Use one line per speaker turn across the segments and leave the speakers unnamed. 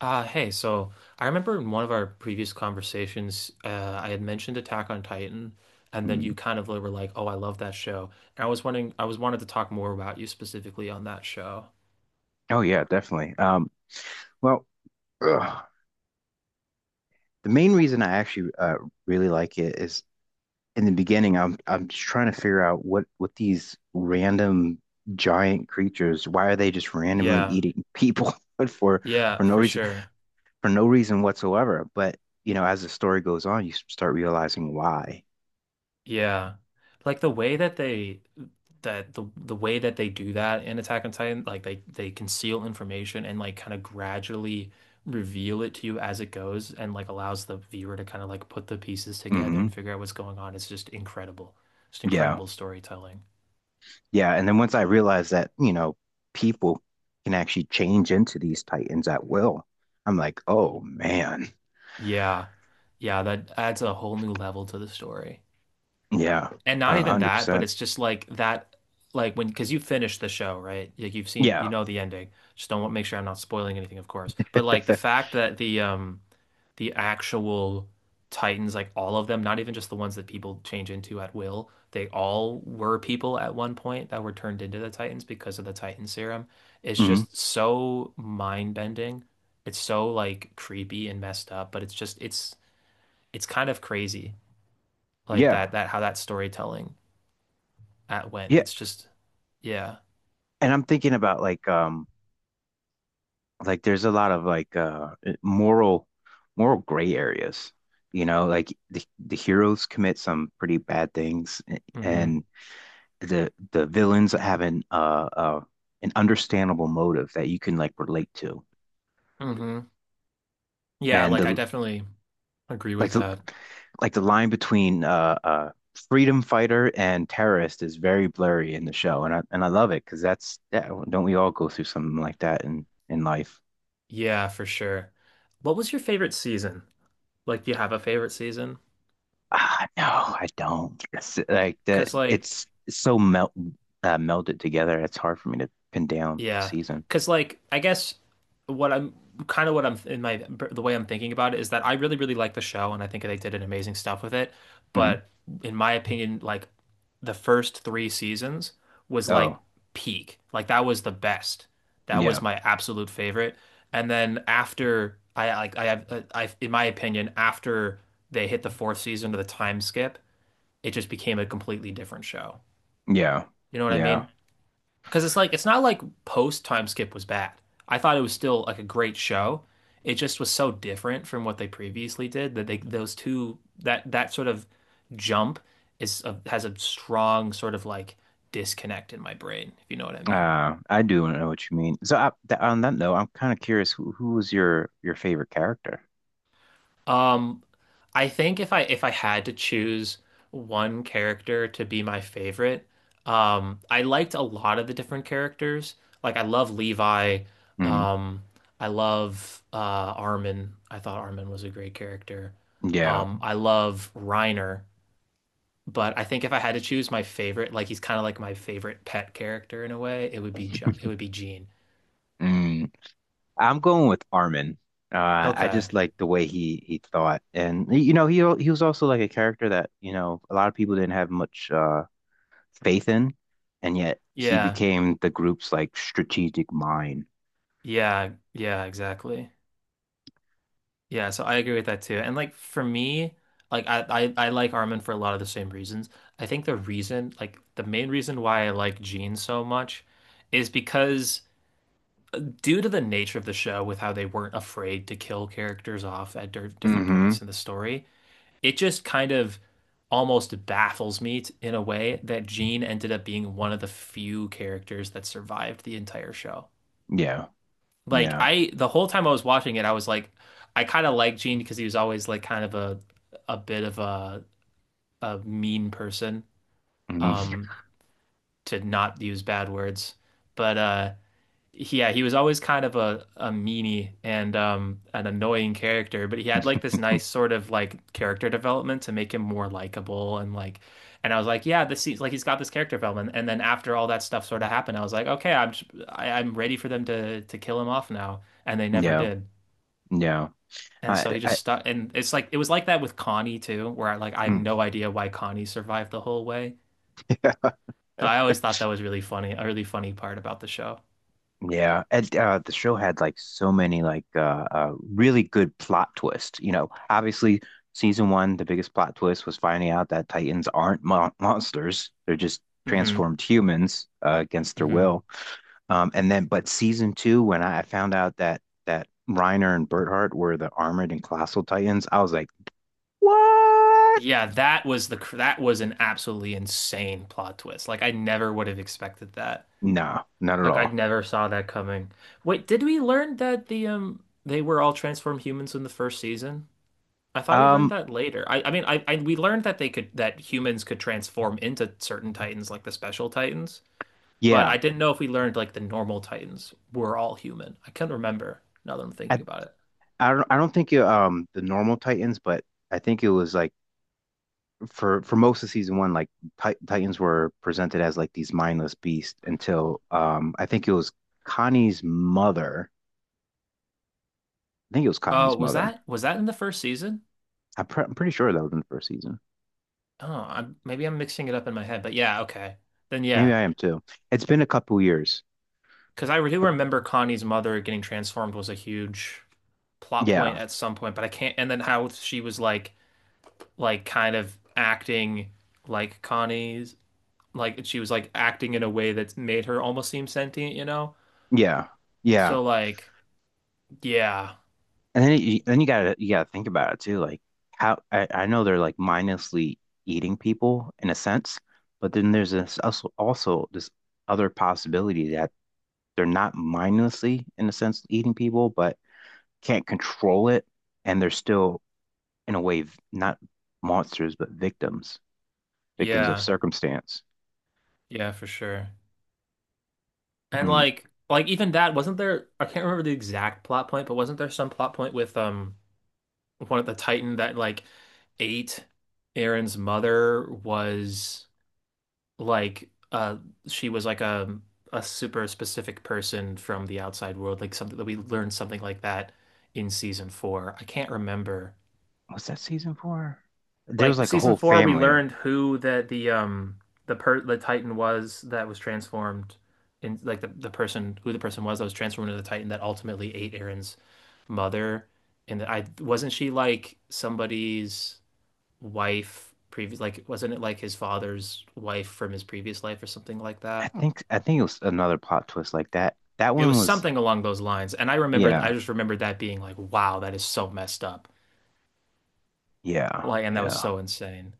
Hey, so I remember in one of our previous conversations, I had mentioned Attack on Titan, and then you
Mhm.
kind of were like, "Oh, I love that show." And I was wanted to talk more about you specifically on that show.
Oh yeah, definitely. Well, ugh, the main reason I actually really like it is in the beginning, I'm just trying to figure out what these random giant creatures, why are they just randomly
Yeah,
eating people but
yeah,
for no
for
reason
sure.
for no reason whatsoever. But as the story goes on, you start realizing why.
Yeah. Like the way that they do that in Attack on Titan, like they conceal information and like kind of gradually reveal it to you as it goes and like allows the viewer to kind of like put the pieces together and
Hmm.
figure out what's going on. It's just incredible. Just
Yeah.
incredible storytelling.
Yeah, and then once I realized that, people can actually change into these titans at will, I'm like, oh man,
Yeah. Yeah, that adds a whole new level to the story.
yeah,
And not
a
even
hundred
that, but
percent,
it's just like that, because you finished the show, right? Like you've seen, you
yeah,
know the ending. Just don't want make sure I'm not spoiling anything, of course. But like the fact that the actual Titans, like all of them, not even just the ones that people change into at will, they all were people at one point that were turned into the Titans because of the Titan serum. It's
hmm,
just so mind-bending. It's so like creepy and messed up, but it's just it's kind of crazy, like
yeah,
that how that storytelling at when.
yeah.
Yeah.
And I'm thinking about like there's a lot of like, moral gray areas. Like the heroes commit some pretty bad things,
Hmm.
and the villains have an understandable motive that you can like relate to.
Hmm. Yeah,
And
like I
the
definitely agree
like
with
the
that.
like the line between freedom fighter and terrorist is very blurry in the show, and I love it because that's, yeah, don't we all go through something like that in life?
Yeah, for sure. What was your favorite season? Like, do you have a favorite season?
Ah, no, I don't. It's like that.
Because, like,
It's so melt melded together. It's hard for me to pin down
Yeah,
season.
because like I guess what I'm kind of what I'm in my the way I'm thinking about it is that I really really like the show and I think they did an amazing stuff with it,
Hmm.
but in my opinion, like the first three seasons was like
Oh,
peak, like that was the best, that was
yeah,
my absolute favorite, and then after I like I have I in my opinion after they hit the fourth season to the time skip, it just became a completely different show.
yeah,
You know what I
yeah.
mean? Because it's like it's not like post Time Skip was bad. I thought it was still like a great show. It just was so different from what they previously did that they those two that sort of jump has a strong sort of like disconnect in my brain, if you know what I mean.
I do know what you mean. So I, th on that note, I'm kind of curious who was your favorite character?
Um, I think if I had to choose one character to be my favorite, I liked a lot of the different characters. Like I love Levi.
Mm,
Um, I love Armin. I thought Armin was a great character.
yeah.
I love Reiner, but I think if I had to choose my favorite, like he's kind of like my favorite pet character in a way, it would be John, it would be Gene.
Mm. I'm going with Armin. I
Okay.
just like the way he thought, and he was also like a character that a lot of people didn't have much faith in, and yet he
Yeah.
became the group's like strategic mind.
Yeah. Yeah, exactly. Yeah, so I agree with that too. And like for me, like I like Armin for a lot of the same reasons. I think the reason, like the main reason why I like Gene so much is because due to the nature of the show with how they weren't afraid to kill characters off at different points
Hmm.
in the story, it just kind of almost baffles me in a way that Gene ended up being one of the few characters that survived the entire show.
Yeah,
Like
yeah,
the whole time I was watching it, I was like, I kind of liked Gene because he was always like kind of a bit of a mean person,
hmm,
um, to not use bad words. But yeah, he was always kind of a meanie and an annoying character. But he had like this nice sort of like character development to make him more likable and like, and I was like, yeah, this seems like he's got this character development. And then after all that stuff sort of happened, I was like, okay, I am ready for them to kill him off now, and they never
yeah,
did.
yeah.
And
I,
so he just
I,
stuck, and it's like it was like that with Connie too, where I have no
mm.
idea why Connie survived the whole way. So I always thought that was really funny, a really funny part about the show.
Yeah, and the show had like so many like really good plot twists. Obviously season one, the biggest plot twist was finding out that Titans aren't monsters; they're just
Hmm.
transformed humans against their
Hmm.
will. And then, but season two, when I found out that Reiner and Berthart were the armored and colossal Titans, I was like, what?
Yeah, that was an absolutely insane plot twist. Like I never would have expected that.
No, not at
Like I
all.
never saw that coming. Wait, did we learn that they were all transformed humans in the first season? I thought we learned
Um,
that later. I mean I we learned that humans could transform into certain titans like the special titans. But I
yeah,
didn't know if we learned like the normal Titans were all human. I can not remember now that I'm thinking
I
about it.
I don't think the normal Titans, but I think it was like. for most of season one, like Titans were presented as like these mindless beasts until I think it was Connie's mother. I think it was
Oh,
Connie's
was
mother.
that was that in the first season?
I'm pretty sure that was in the first season.
Oh, I'm, maybe I'm mixing it up in my head. But yeah, okay. Then
Maybe
yeah,
I am too. It's been a couple years.
because I do remember Connie's mother getting transformed was a huge plot point
Yeah,
at some point, but I can't. And then how she was like kind of acting like Connie's like she was like acting in a way that made her almost seem sentient, you know?
yeah, yeah.
So like yeah,
And then you gotta think about it too. Like how I know they're like mindlessly eating people in a sense, but then there's this also this other possibility that they're not mindlessly in a sense eating people, but can't control it, and they're still, in a way, not monsters, but victims of
yeah,
circumstance.
yeah, for sure. And
Mm.
like even that wasn't there I can't remember the exact plot point, but wasn't there some plot point with one of the Titan that like ate Aaron's mother was like she was like a super specific person from the outside world, like something that we learned something like that in season four. I can't remember.
What's that season for? There was
Like
like a
season
whole
four, we
family.
learned who the Titan was that was transformed in like the person who the person was that was transformed into the Titan that ultimately ate Aaron's mother. And I wasn't she like somebody's wife previous like wasn't it like his father's wife from his previous life or something like
I
that?
think I think it was another plot twist like that. That
It
one
was
was,
something along those lines. And I
yeah,
just remembered that being like, wow, that is so messed up.
yeah,
Like and that was
yeah.
so insane.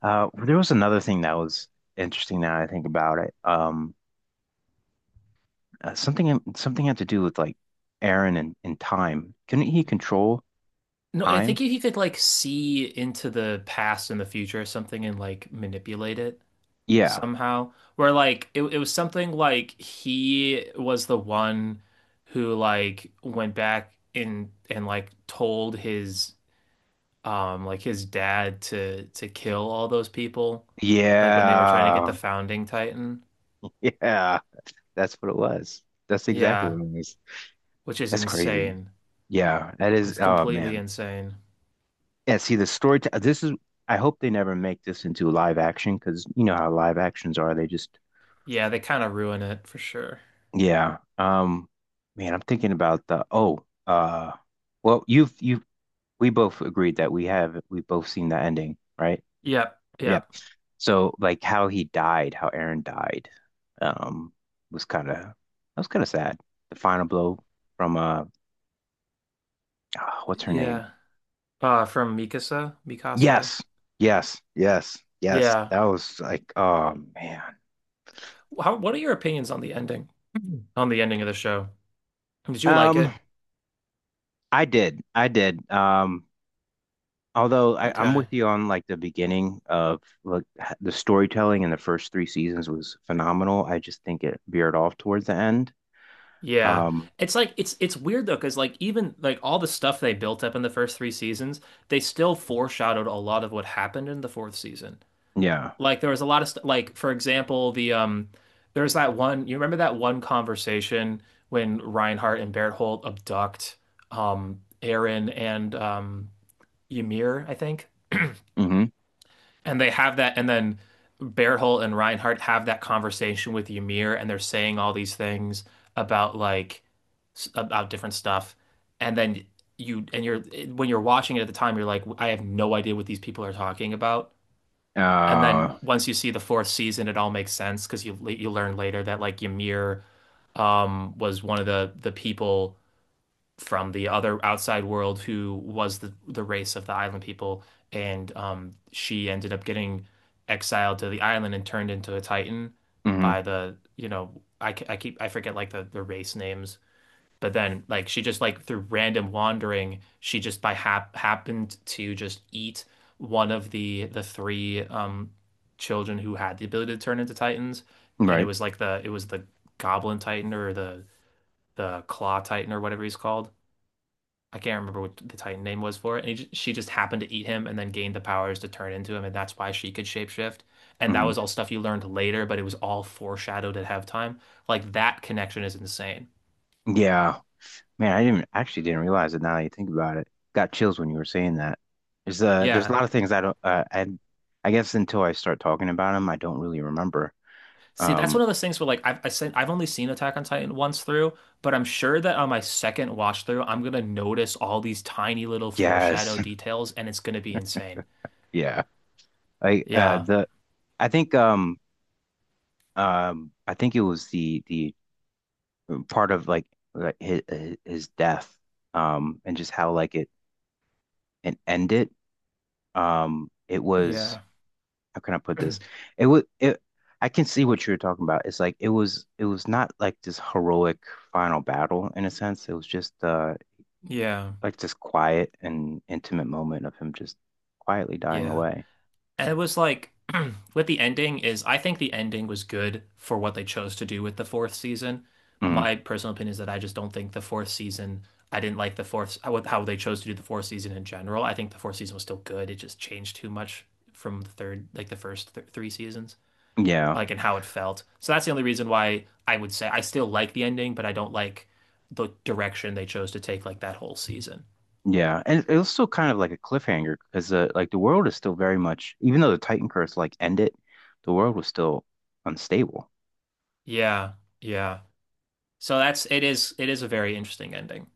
There was another thing that was interesting now that I think about it. Something had to do with like Aaron and time. Couldn't he control
No, I think
time?
he could like see into the past and the future or something and like manipulate it
Yeah.
somehow. Where like it was something like he was the one who like went back in and like told his like his dad to kill all those people like when they were trying to get the
Yeah.
founding Titan.
Yeah. That's what it was. That's exactly
Yeah,
what it was.
which is
That's crazy.
insane.
Yeah, that is.
It's
Oh
completely
man.
insane.
Yeah. See, the story. This is. I hope they never make this into live action because you know how live actions are. They just.
Yeah, they kind of ruin it for sure.
Yeah. Man, I'm thinking about the. Oh. Well, you've you. We both agreed that we have. We both seen the ending, right?
Yep,
Yep.
yep.
So like how he died, how Aaron died, um, was kind of that was kind of sad. The final blow from what's her name?
Yeah. From Mikasa, Mikasa.
Yes, yes, yes, yes.
Yeah.
That was like, oh man.
How, what are your opinions on the ending? Mhm. On the ending of the show? Did you like
Um,
it?
I did, I did. Although I'm
Okay.
with you on like the beginning of like the storytelling in the first three seasons was phenomenal. I just think it veered off towards the end.
Yeah.
Um,
It's like it's weird though, because like even like all the stuff they built up in the first three seasons, they still foreshadowed a lot of what happened in the fourth season.
yeah.
Like there was a lot of st like for example, there's that one you remember that one conversation when Reinhardt and Barrett Holt abduct Aaron and Ymir, I think.
Mm-hmm.
And they have that, and then Berthold and Reinhardt have that conversation with Ymir, and they're saying all these things about like about different stuff. And then you and you're when you're watching it at the time, you're like, I have no idea what these people are talking about. And
Uh,
then once you see the fourth season, it all makes sense because you learn later that like Ymir was one of the people from the other outside world who was the race of the island people, and she ended up getting exiled to the island and turned into a Titan
mm-hmm.
by the you know I keep I forget like the race names, but then like she just like through random wandering, she just by happened to just eat one of the three children who had the ability to turn into Titans, and it
Right.
was like the it was the Goblin Titan or the Claw Titan or whatever he's called I can't remember what the Titan name was for it. And she just happened to eat him and then gained the powers to turn into him. And that's why she could shapeshift. And that
Mm-hmm.
was all stuff you learned later, but it was all foreshadowed at halftime. Like that connection is insane.
Yeah. Man, I didn't actually didn't realize it now that you think about it. Got chills when you were saying that. There's a
Yeah.
lot of things I don't I guess until I start talking about them, I don't really remember.
See, that's one
Um
of those things where like I've only seen Attack on Titan once through, but I'm sure that on my second watch through, I'm gonna notice all these tiny little
yes.
foreshadow details and it's gonna be insane.
Yeah. Like
Yeah.
the I think um I think it was the part of like his death and just how like it and end it it was
Yeah.
how can I put this? It was it I can see what you were talking about. It's like it was not like this heroic final battle in a sense. It was just
Yeah.
like this quiet and intimate moment of him just quietly dying
Yeah.
away.
And it was like with the ending is I think the ending was good for what they chose to do with the fourth season.
Mm.
My personal opinion is that I just don't think the fourth season I didn't like the fourth how they chose to do the fourth season in general. I think the fourth season was still good. It just changed too much from the third like the first th three seasons
Yeah.
like and how it felt. So that's the only reason why I would say I still like the ending, but I don't like the direction they chose to take like that whole season.
Yeah. And it was still kind of like a cliffhanger because like the world is still very much even though the Titan curse like ended, the world was still unstable.
Yeah. Yeah. So that's it is a very interesting ending.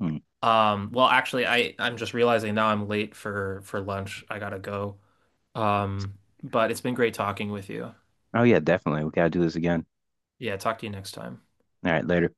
Mm.
Well, actually, I'm just realizing now I'm late for lunch. I gotta go. Um, but it's been great talking with you.
Oh yeah, definitely. We gotta do this again.
Yeah, talk to you next time.
All right, later.